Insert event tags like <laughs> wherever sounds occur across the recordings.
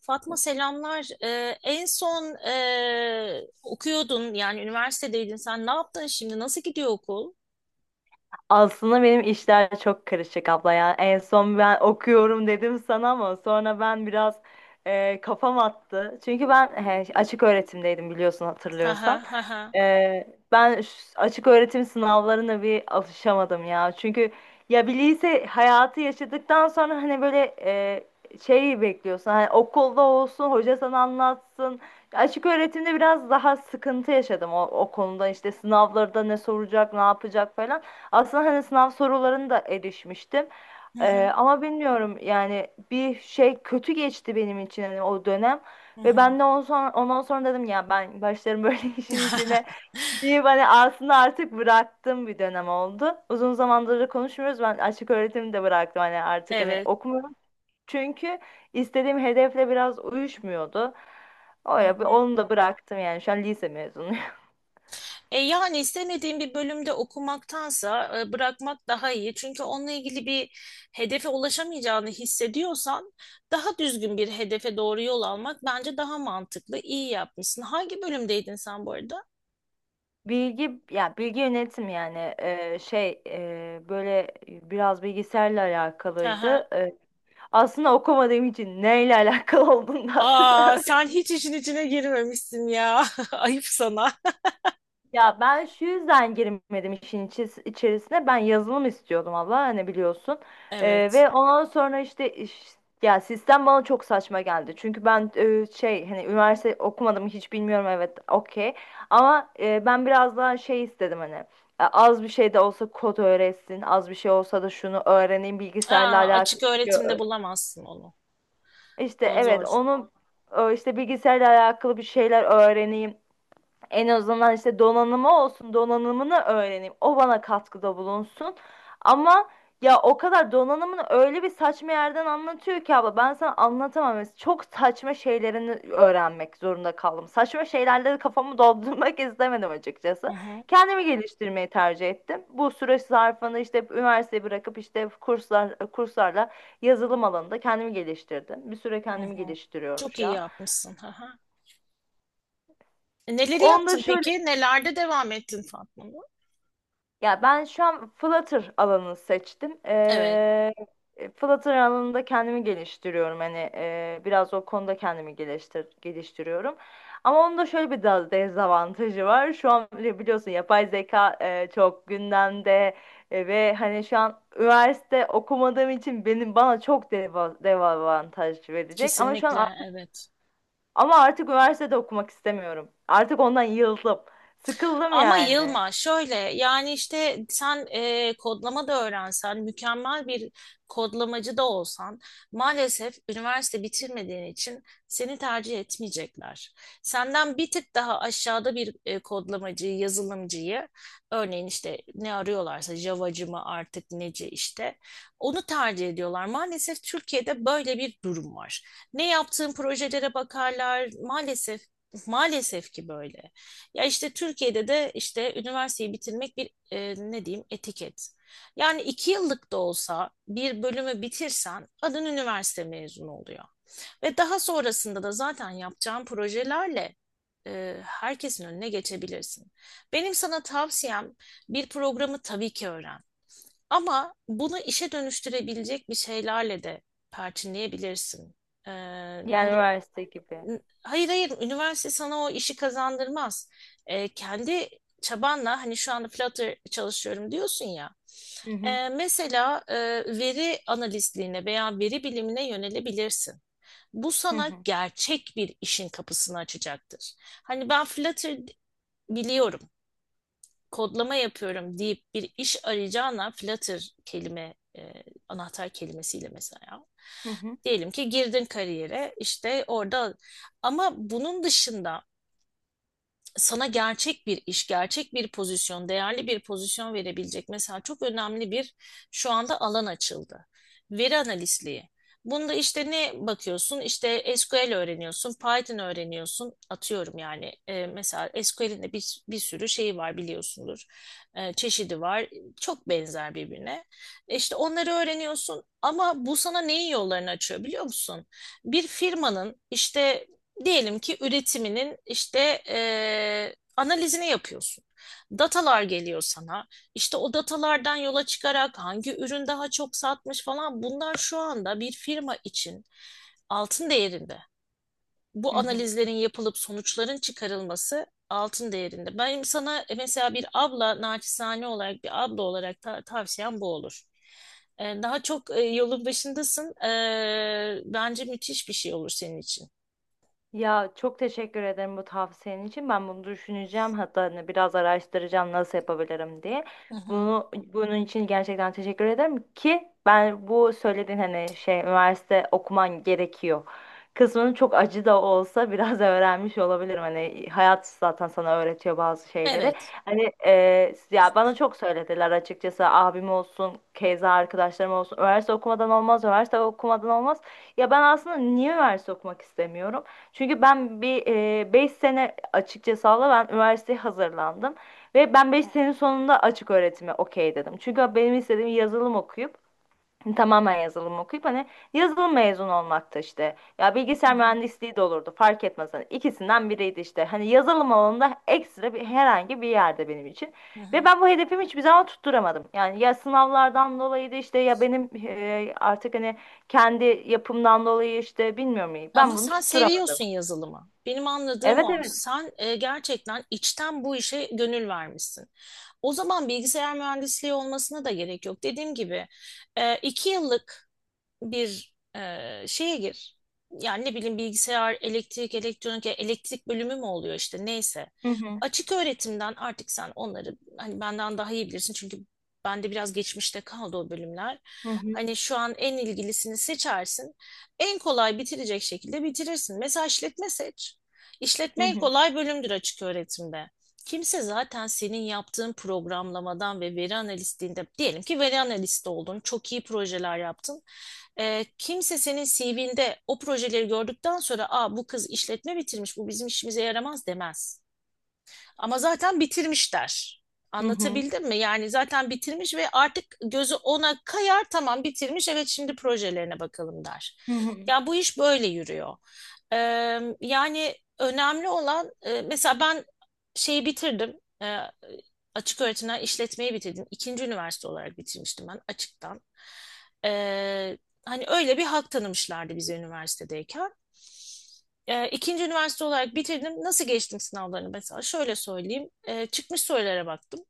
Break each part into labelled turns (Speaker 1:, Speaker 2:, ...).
Speaker 1: Fatma selamlar. Okuyordun yani üniversitedeydin sen. Ne yaptın şimdi? Nasıl gidiyor okul?
Speaker 2: Aslında benim işler çok karışık abla ya. En son ben okuyorum dedim sana ama sonra ben biraz kafam attı. Çünkü ben he, açık öğretimdeydim biliyorsun
Speaker 1: Ha ha
Speaker 2: hatırlıyorsan.
Speaker 1: ha ha.
Speaker 2: Ee, açık öğretim sınavlarına bir alışamadım ya. Çünkü ya bir lise hayatı yaşadıktan sonra hani böyle şey bekliyorsun. Hani okulda olsun, hoca sana anlatsın. Açık öğretimde biraz daha sıkıntı yaşadım o konuda. İşte sınavlarda ne soracak, ne yapacak falan. Aslında hani sınav sorularını da erişmiştim.
Speaker 1: Hı hı,
Speaker 2: Ama bilmiyorum yani bir şey kötü geçti benim için hani o dönem
Speaker 1: hı
Speaker 2: ve
Speaker 1: hı.
Speaker 2: ben de ondan sonra dedim ya ben başlarım böyle <laughs> işin içine
Speaker 1: <laughs>
Speaker 2: deyip hani aslında artık bıraktığım bir dönem oldu. Uzun zamandır da konuşmuyoruz, ben açık öğretimi de bıraktım hani artık hani
Speaker 1: Evet.
Speaker 2: okumuyorum çünkü istediğim hedefle biraz uyuşmuyordu. O
Speaker 1: Hı
Speaker 2: ya
Speaker 1: hı.
Speaker 2: onu da bıraktım yani şu an lise mezunuyum. <laughs>
Speaker 1: Yani istemediğin bir bölümde okumaktansa bırakmak daha iyi. Çünkü onunla ilgili bir hedefe ulaşamayacağını hissediyorsan daha düzgün bir hedefe doğru yol almak bence daha mantıklı. İyi yapmışsın. Hangi bölümdeydin sen bu arada?
Speaker 2: Bilgi ya bilgi yönetim yani şey böyle biraz bilgisayarla
Speaker 1: Hı hı.
Speaker 2: alakalıydı. Aslında okumadığım için neyle <laughs> alakalı olduğunu da
Speaker 1: Aa,
Speaker 2: hatırlamıyorum.
Speaker 1: sen hiç işin içine girmemişsin ya. <laughs> Ayıp sana.
Speaker 2: Ya ben şu yüzden girmedim içerisine. Ben yazılım istiyordum abla hani biliyorsun.
Speaker 1: Evet.
Speaker 2: Ve ondan sonra işte, ya sistem bana çok saçma geldi. Çünkü ben şey hani üniversite okumadım hiç bilmiyorum, evet okey. Ama ben biraz daha şey istedim hani. Az bir şey de olsa kod öğretsin, az bir şey olsa da şunu öğreneyim, bilgisayarla
Speaker 1: Aa, açık
Speaker 2: alakalı bir şey.
Speaker 1: öğretimde bulamazsın onu.
Speaker 2: İşte
Speaker 1: O
Speaker 2: evet
Speaker 1: zor.
Speaker 2: onu işte bilgisayarla alakalı bir şeyler öğreneyim. En azından işte donanımı olsun, donanımını öğreneyim. O bana katkıda bulunsun. Ama ya o kadar donanımını öyle bir saçma yerden anlatıyor ki abla, ben sana anlatamam. Mesela çok saçma şeylerini öğrenmek zorunda kaldım. Saçma şeylerle de kafamı doldurmak <laughs> istemedim
Speaker 1: Hı
Speaker 2: açıkçası.
Speaker 1: hı,
Speaker 2: Kendimi geliştirmeyi tercih ettim. Bu süreç zarfında işte üniversiteyi bırakıp işte kurslarla yazılım alanında kendimi geliştirdim. Bir süre
Speaker 1: hı
Speaker 2: kendimi
Speaker 1: hı.
Speaker 2: geliştiriyorum
Speaker 1: Çok
Speaker 2: şu
Speaker 1: iyi
Speaker 2: an.
Speaker 1: yapmışsın. Hı hı. Neleri
Speaker 2: Onda
Speaker 1: yaptın peki?
Speaker 2: şöyle,
Speaker 1: Nelerde devam ettin Fatma?
Speaker 2: ya ben şu an Flutter alanını seçtim.
Speaker 1: Evet.
Speaker 2: Flutter alanında kendimi geliştiriyorum. Hani biraz o konuda kendimi geliştir geliştiriyorum. Ama onun da şöyle bir dezavantajı var. Şu an bile biliyorsun yapay zeka çok gündemde. Ve hani şu an üniversite okumadığım için benim bana çok dezavantaj verecek. Ama
Speaker 1: Kesinlikle. Evet.
Speaker 2: ama artık üniversitede okumak istemiyorum. Artık ondan yıldım. Sıkıldım
Speaker 1: Ama
Speaker 2: yani.
Speaker 1: yılma, şöyle yani işte sen kodlama da öğrensen, mükemmel bir kodlamacı da olsan maalesef üniversite bitirmediğin için seni tercih etmeyecekler. Senden bir tık daha aşağıda bir kodlamacıyı, yazılımcıyı örneğin işte ne arıyorlarsa Java'cı mı artık neci işte onu tercih ediyorlar. Maalesef Türkiye'de böyle bir durum var. Ne yaptığın projelere bakarlar maalesef maalesef ki böyle. Ya işte Türkiye'de de işte üniversiteyi bitirmek bir ne diyeyim etiket. Yani iki yıllık da olsa bir bölümü bitirsen adın üniversite mezunu oluyor. Ve daha sonrasında da zaten yapacağın projelerle herkesin önüne geçebilirsin. Benim sana tavsiyem bir programı tabii ki öğren. Ama bunu işe dönüştürebilecek bir şeylerle de perçinleyebilirsin. E,
Speaker 2: Yani
Speaker 1: hani
Speaker 2: üniversite gibi.
Speaker 1: Hayır hayır, üniversite sana o işi kazandırmaz. Kendi çabanla hani şu anda Flutter çalışıyorum diyorsun ya.
Speaker 2: Hı hı.
Speaker 1: Mesela, veri analistliğine veya veri bilimine yönelebilirsin. Bu
Speaker 2: Hı
Speaker 1: sana
Speaker 2: hı.
Speaker 1: gerçek bir işin kapısını açacaktır. Hani ben Flutter biliyorum, kodlama yapıyorum deyip bir iş arayacağına Flutter anahtar kelimesiyle mesela.
Speaker 2: Hı hı.
Speaker 1: Diyelim ki girdin kariyere işte orada, ama bunun dışında sana gerçek bir iş, gerçek bir pozisyon, değerli bir pozisyon verebilecek mesela çok önemli bir şu anda alan açıldı. Veri analistliği. Bunda işte ne bakıyorsun? İşte SQL öğreniyorsun, Python öğreniyorsun. Atıyorum yani mesela SQL'in de bir sürü şeyi var biliyorsundur. Çeşidi var. Çok benzer birbirine. İşte onları öğreniyorsun ama bu sana neyin yollarını açıyor biliyor musun? Bir firmanın işte, diyelim ki üretiminin işte analizini yapıyorsun. Datalar geliyor sana. İşte o datalardan yola çıkarak hangi ürün daha çok satmış falan, bunlar şu anda bir firma için altın değerinde. Bu
Speaker 2: Hı hı.
Speaker 1: analizlerin yapılıp sonuçların çıkarılması altın değerinde. Benim sana mesela bir abla, naçizane olarak bir abla olarak tavsiyem bu olur. Daha çok yolun başındasın. Bence müthiş bir şey olur senin için.
Speaker 2: Ya çok teşekkür ederim bu tavsiyen için. Ben bunu düşüneceğim. Hatta hani biraz araştıracağım nasıl yapabilirim diye.
Speaker 1: Hı hı.
Speaker 2: Bunun için gerçekten teşekkür ederim ki ben bu söylediğin hani şey üniversite okuman gerekiyor kısmını çok acı da olsa biraz <laughs> öğrenmiş olabilirim. Hani hayat zaten sana öğretiyor bazı şeyleri.
Speaker 1: Evet.
Speaker 2: Hani ya bana çok söylediler açıkçası, abim olsun, keza arkadaşlarım olsun. Üniversite okumadan olmaz, üniversite okumadan olmaz. Ya ben aslında niye üniversite okumak istemiyorum? Çünkü ben bir 5 sene açıkça sağla ben üniversiteye hazırlandım. Ve ben 5 senenin sonunda açık öğretime okey dedim. Çünkü benim istediğim yazılım okuyup tamamen yazılım okuyup hani yazılım mezunu olmakta işte. Ya
Speaker 1: Hı
Speaker 2: bilgisayar
Speaker 1: hı,
Speaker 2: mühendisliği de olurdu, fark etmez. Hani ikisinden biriydi işte. Hani yazılım alanında ekstra bir herhangi bir yerde benim için.
Speaker 1: hı
Speaker 2: Ve
Speaker 1: hı.
Speaker 2: ben bu hedefimi hiçbir zaman tutturamadım. Yani ya sınavlardan dolayıydı işte ya benim artık hani kendi yapımdan dolayı işte bilmiyorum,
Speaker 1: Ama
Speaker 2: ben bunu
Speaker 1: sen
Speaker 2: tutturamadım.
Speaker 1: seviyorsun yazılımı. Benim anladığım
Speaker 2: Evet,
Speaker 1: o.
Speaker 2: evet.
Speaker 1: Sen gerçekten içten bu işe gönül vermişsin. O zaman bilgisayar mühendisliği olmasına da gerek yok. Dediğim gibi iki yıllık bir şeye gir. Yani ne bileyim bilgisayar, elektrik, elektronik, elektrik bölümü mü oluyor işte neyse.
Speaker 2: Hı hı,
Speaker 1: Açık öğretimden artık sen onları hani benden daha iyi bilirsin çünkü bende biraz geçmişte kaldı o bölümler.
Speaker 2: hı hı,
Speaker 1: Hani şu an en ilgilisini seçersin. En kolay bitirecek şekilde bitirirsin. Mesela işletme seç.
Speaker 2: hı
Speaker 1: İşletme en
Speaker 2: hı,
Speaker 1: kolay bölümdür açık öğretimde. Kimse zaten senin yaptığın programlamadan ve veri analistliğinde diyelim ki veri analisti oldun, çok iyi projeler yaptın. Kimse senin CV'nde o projeleri gördükten sonra, aa, bu kız işletme bitirmiş bu bizim işimize yaramaz demez. Ama zaten bitirmişler.
Speaker 2: hı hı,
Speaker 1: Anlatabildim mi? Yani zaten bitirmiş ve artık gözü ona kayar, tamam bitirmiş evet, şimdi projelerine bakalım der.
Speaker 2: hı hı.
Speaker 1: Ya bu iş böyle yürüyor. Ee, Yani önemli olan mesela ben şeyi bitirdim. Ee, Açık öğretimden işletmeyi bitirdim. İkinci üniversite olarak bitirmiştim ben açıktan. Ee, Hani öyle bir hak tanımışlardı bize üniversitedeyken. İkinci üniversite olarak bitirdim. Nasıl geçtim sınavlarını mesela? Şöyle söyleyeyim. Çıkmış sorulara baktım.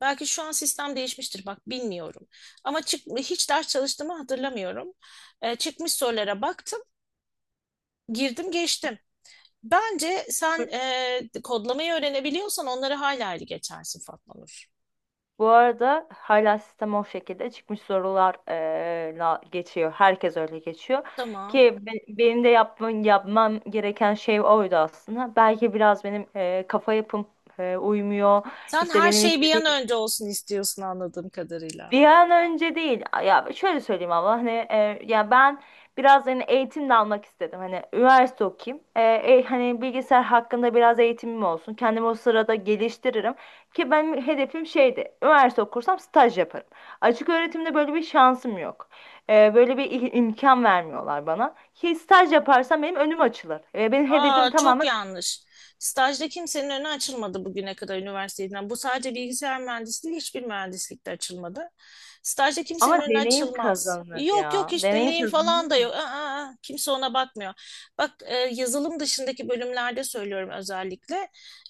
Speaker 1: Belki şu an sistem değişmiştir bak bilmiyorum. Ama hiç ders çalıştığımı hatırlamıyorum. Çıkmış sorulara baktım. Girdim geçtim. Bence sen kodlamayı öğrenebiliyorsan onları hala iyi geçersin Fatma Nur.
Speaker 2: Bu arada hala sistem o şekilde çıkmış sorular la geçiyor. Herkes öyle geçiyor.
Speaker 1: Tamam.
Speaker 2: Ki benim de yapmam gereken şey oydu aslında. Belki biraz benim kafa yapım uymuyor.
Speaker 1: Sen
Speaker 2: İşte
Speaker 1: her
Speaker 2: benim
Speaker 1: şey bir an
Speaker 2: istediğim
Speaker 1: önce olsun istiyorsun anladığım kadarıyla.
Speaker 2: bir an önce değil. Ya şöyle söyleyeyim ama hani ya ben biraz hani eğitim de almak istedim. Hani üniversite okuyayım. Hani bilgisayar hakkında biraz eğitimim olsun. Kendimi o sırada geliştiririm. Ki benim hedefim şeydi. Üniversite okursam staj yaparım. Açık öğretimde böyle bir şansım yok. Böyle bir imkan vermiyorlar bana. Ki staj yaparsam benim önüm açılır. Benim
Speaker 1: Aa,
Speaker 2: hedefim
Speaker 1: çok
Speaker 2: tamamen,
Speaker 1: yanlış. Stajda kimsenin önü açılmadı bugüne kadar üniversiteden. Bu sadece bilgisayar mühendisliği, hiçbir mühendislikte açılmadı. Stajda kimsenin
Speaker 2: ama
Speaker 1: önü
Speaker 2: deneyim
Speaker 1: açılmaz.
Speaker 2: kazanılır
Speaker 1: Yok yok,
Speaker 2: ya.
Speaker 1: hiç
Speaker 2: Deneyim
Speaker 1: deneyim falan da
Speaker 2: kazanılıyor.
Speaker 1: yok. Aa, aa, kimse ona bakmıyor. Bak, yazılım dışındaki bölümlerde söylüyorum özellikle.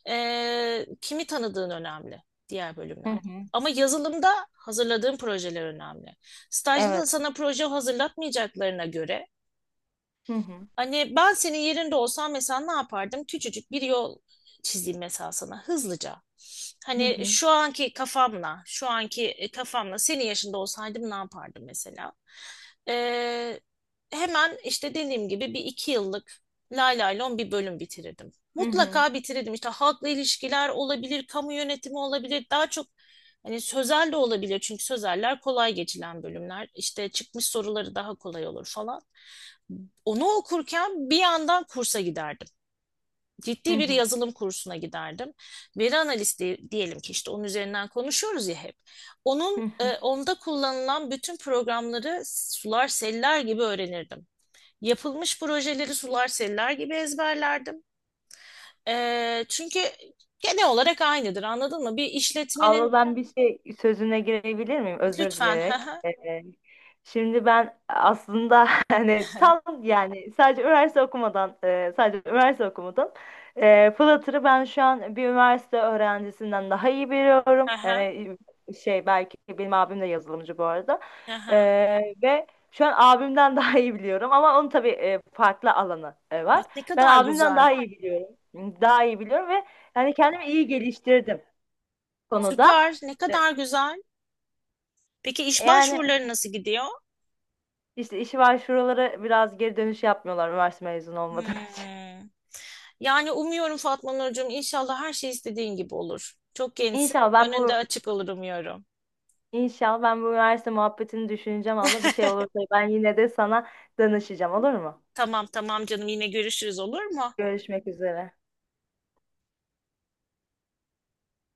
Speaker 1: Kimi tanıdığın önemli diğer
Speaker 2: Hı
Speaker 1: bölümlerde.
Speaker 2: hı.
Speaker 1: Ama yazılımda hazırladığın projeler önemli. Stajda da
Speaker 2: Evet.
Speaker 1: sana proje hazırlatmayacaklarına göre,
Speaker 2: Hı hı.
Speaker 1: hani ben senin yerinde olsam mesela ne yapardım? Küçücük bir yol çizeyim mesela sana hızlıca.
Speaker 2: Hı
Speaker 1: Hani
Speaker 2: hı.
Speaker 1: şu anki kafamla, şu anki kafamla senin yaşında olsaydım ne yapardım mesela? Ee, Hemen işte dediğim gibi bir iki yıllık lay lay lon bir bölüm bitirirdim.
Speaker 2: Hı hı.
Speaker 1: Mutlaka bitirirdim. İşte halkla ilişkiler olabilir, kamu yönetimi olabilir. Daha çok hani sözel de olabilir. Çünkü sözeller kolay geçilen bölümler. İşte çıkmış soruları daha kolay olur falan. Onu okurken bir yandan kursa giderdim.
Speaker 2: Hı
Speaker 1: Ciddi bir
Speaker 2: hı.
Speaker 1: yazılım kursuna giderdim. Veri analisti diyelim ki işte onun üzerinden konuşuyoruz ya hep.
Speaker 2: Hı hı.
Speaker 1: Onda kullanılan bütün programları sular seller gibi öğrenirdim. Yapılmış projeleri sular seller gibi ezberlerdim. Çünkü genel olarak aynıdır anladın mı? Bir
Speaker 2: Abla
Speaker 1: işletmenin
Speaker 2: ben bir şey sözüne girebilir miyim? Özür
Speaker 1: lütfen ha
Speaker 2: dileyerek.
Speaker 1: ha
Speaker 2: Şimdi ben aslında <laughs> hani tam yani sadece üniversite okumadan sadece üniversite okumadım. E, Flutter'ı ben şu an bir üniversite öğrencisinden daha iyi
Speaker 1: ha
Speaker 2: biliyorum.
Speaker 1: ha
Speaker 2: Yani şey, belki benim abim de yazılımcı bu arada.
Speaker 1: ha
Speaker 2: E,
Speaker 1: ha.
Speaker 2: ve şu an abimden <laughs> daha iyi biliyorum, ama onun tabii farklı alanı var.
Speaker 1: Bak ne
Speaker 2: Ben
Speaker 1: kadar
Speaker 2: abimden
Speaker 1: güzel.
Speaker 2: daha iyi biliyorum. Daha iyi biliyorum ve yani kendimi iyi geliştirdim konuda.
Speaker 1: Süper, ne
Speaker 2: E,
Speaker 1: kadar güzel. Peki iş
Speaker 2: Yani
Speaker 1: başvuruları nasıl gidiyor?
Speaker 2: işte işi var, şuralara biraz geri dönüş yapmıyorlar üniversite mezunu olmadığım için.
Speaker 1: Hmm. Yani umuyorum Fatma Nurcuğum inşallah her şey istediğin gibi olur. Çok
Speaker 2: <laughs>
Speaker 1: gençsin.
Speaker 2: İnşallah ben
Speaker 1: Önünde
Speaker 2: bu,
Speaker 1: açık olur umuyorum.
Speaker 2: inşallah ben bu üniversite muhabbetini düşüneceğim abla. Bir şey
Speaker 1: <laughs>
Speaker 2: olursa ben yine de sana danışacağım, olur mu?
Speaker 1: Tamam tamam canım, yine görüşürüz olur mu?
Speaker 2: Görüşmek üzere.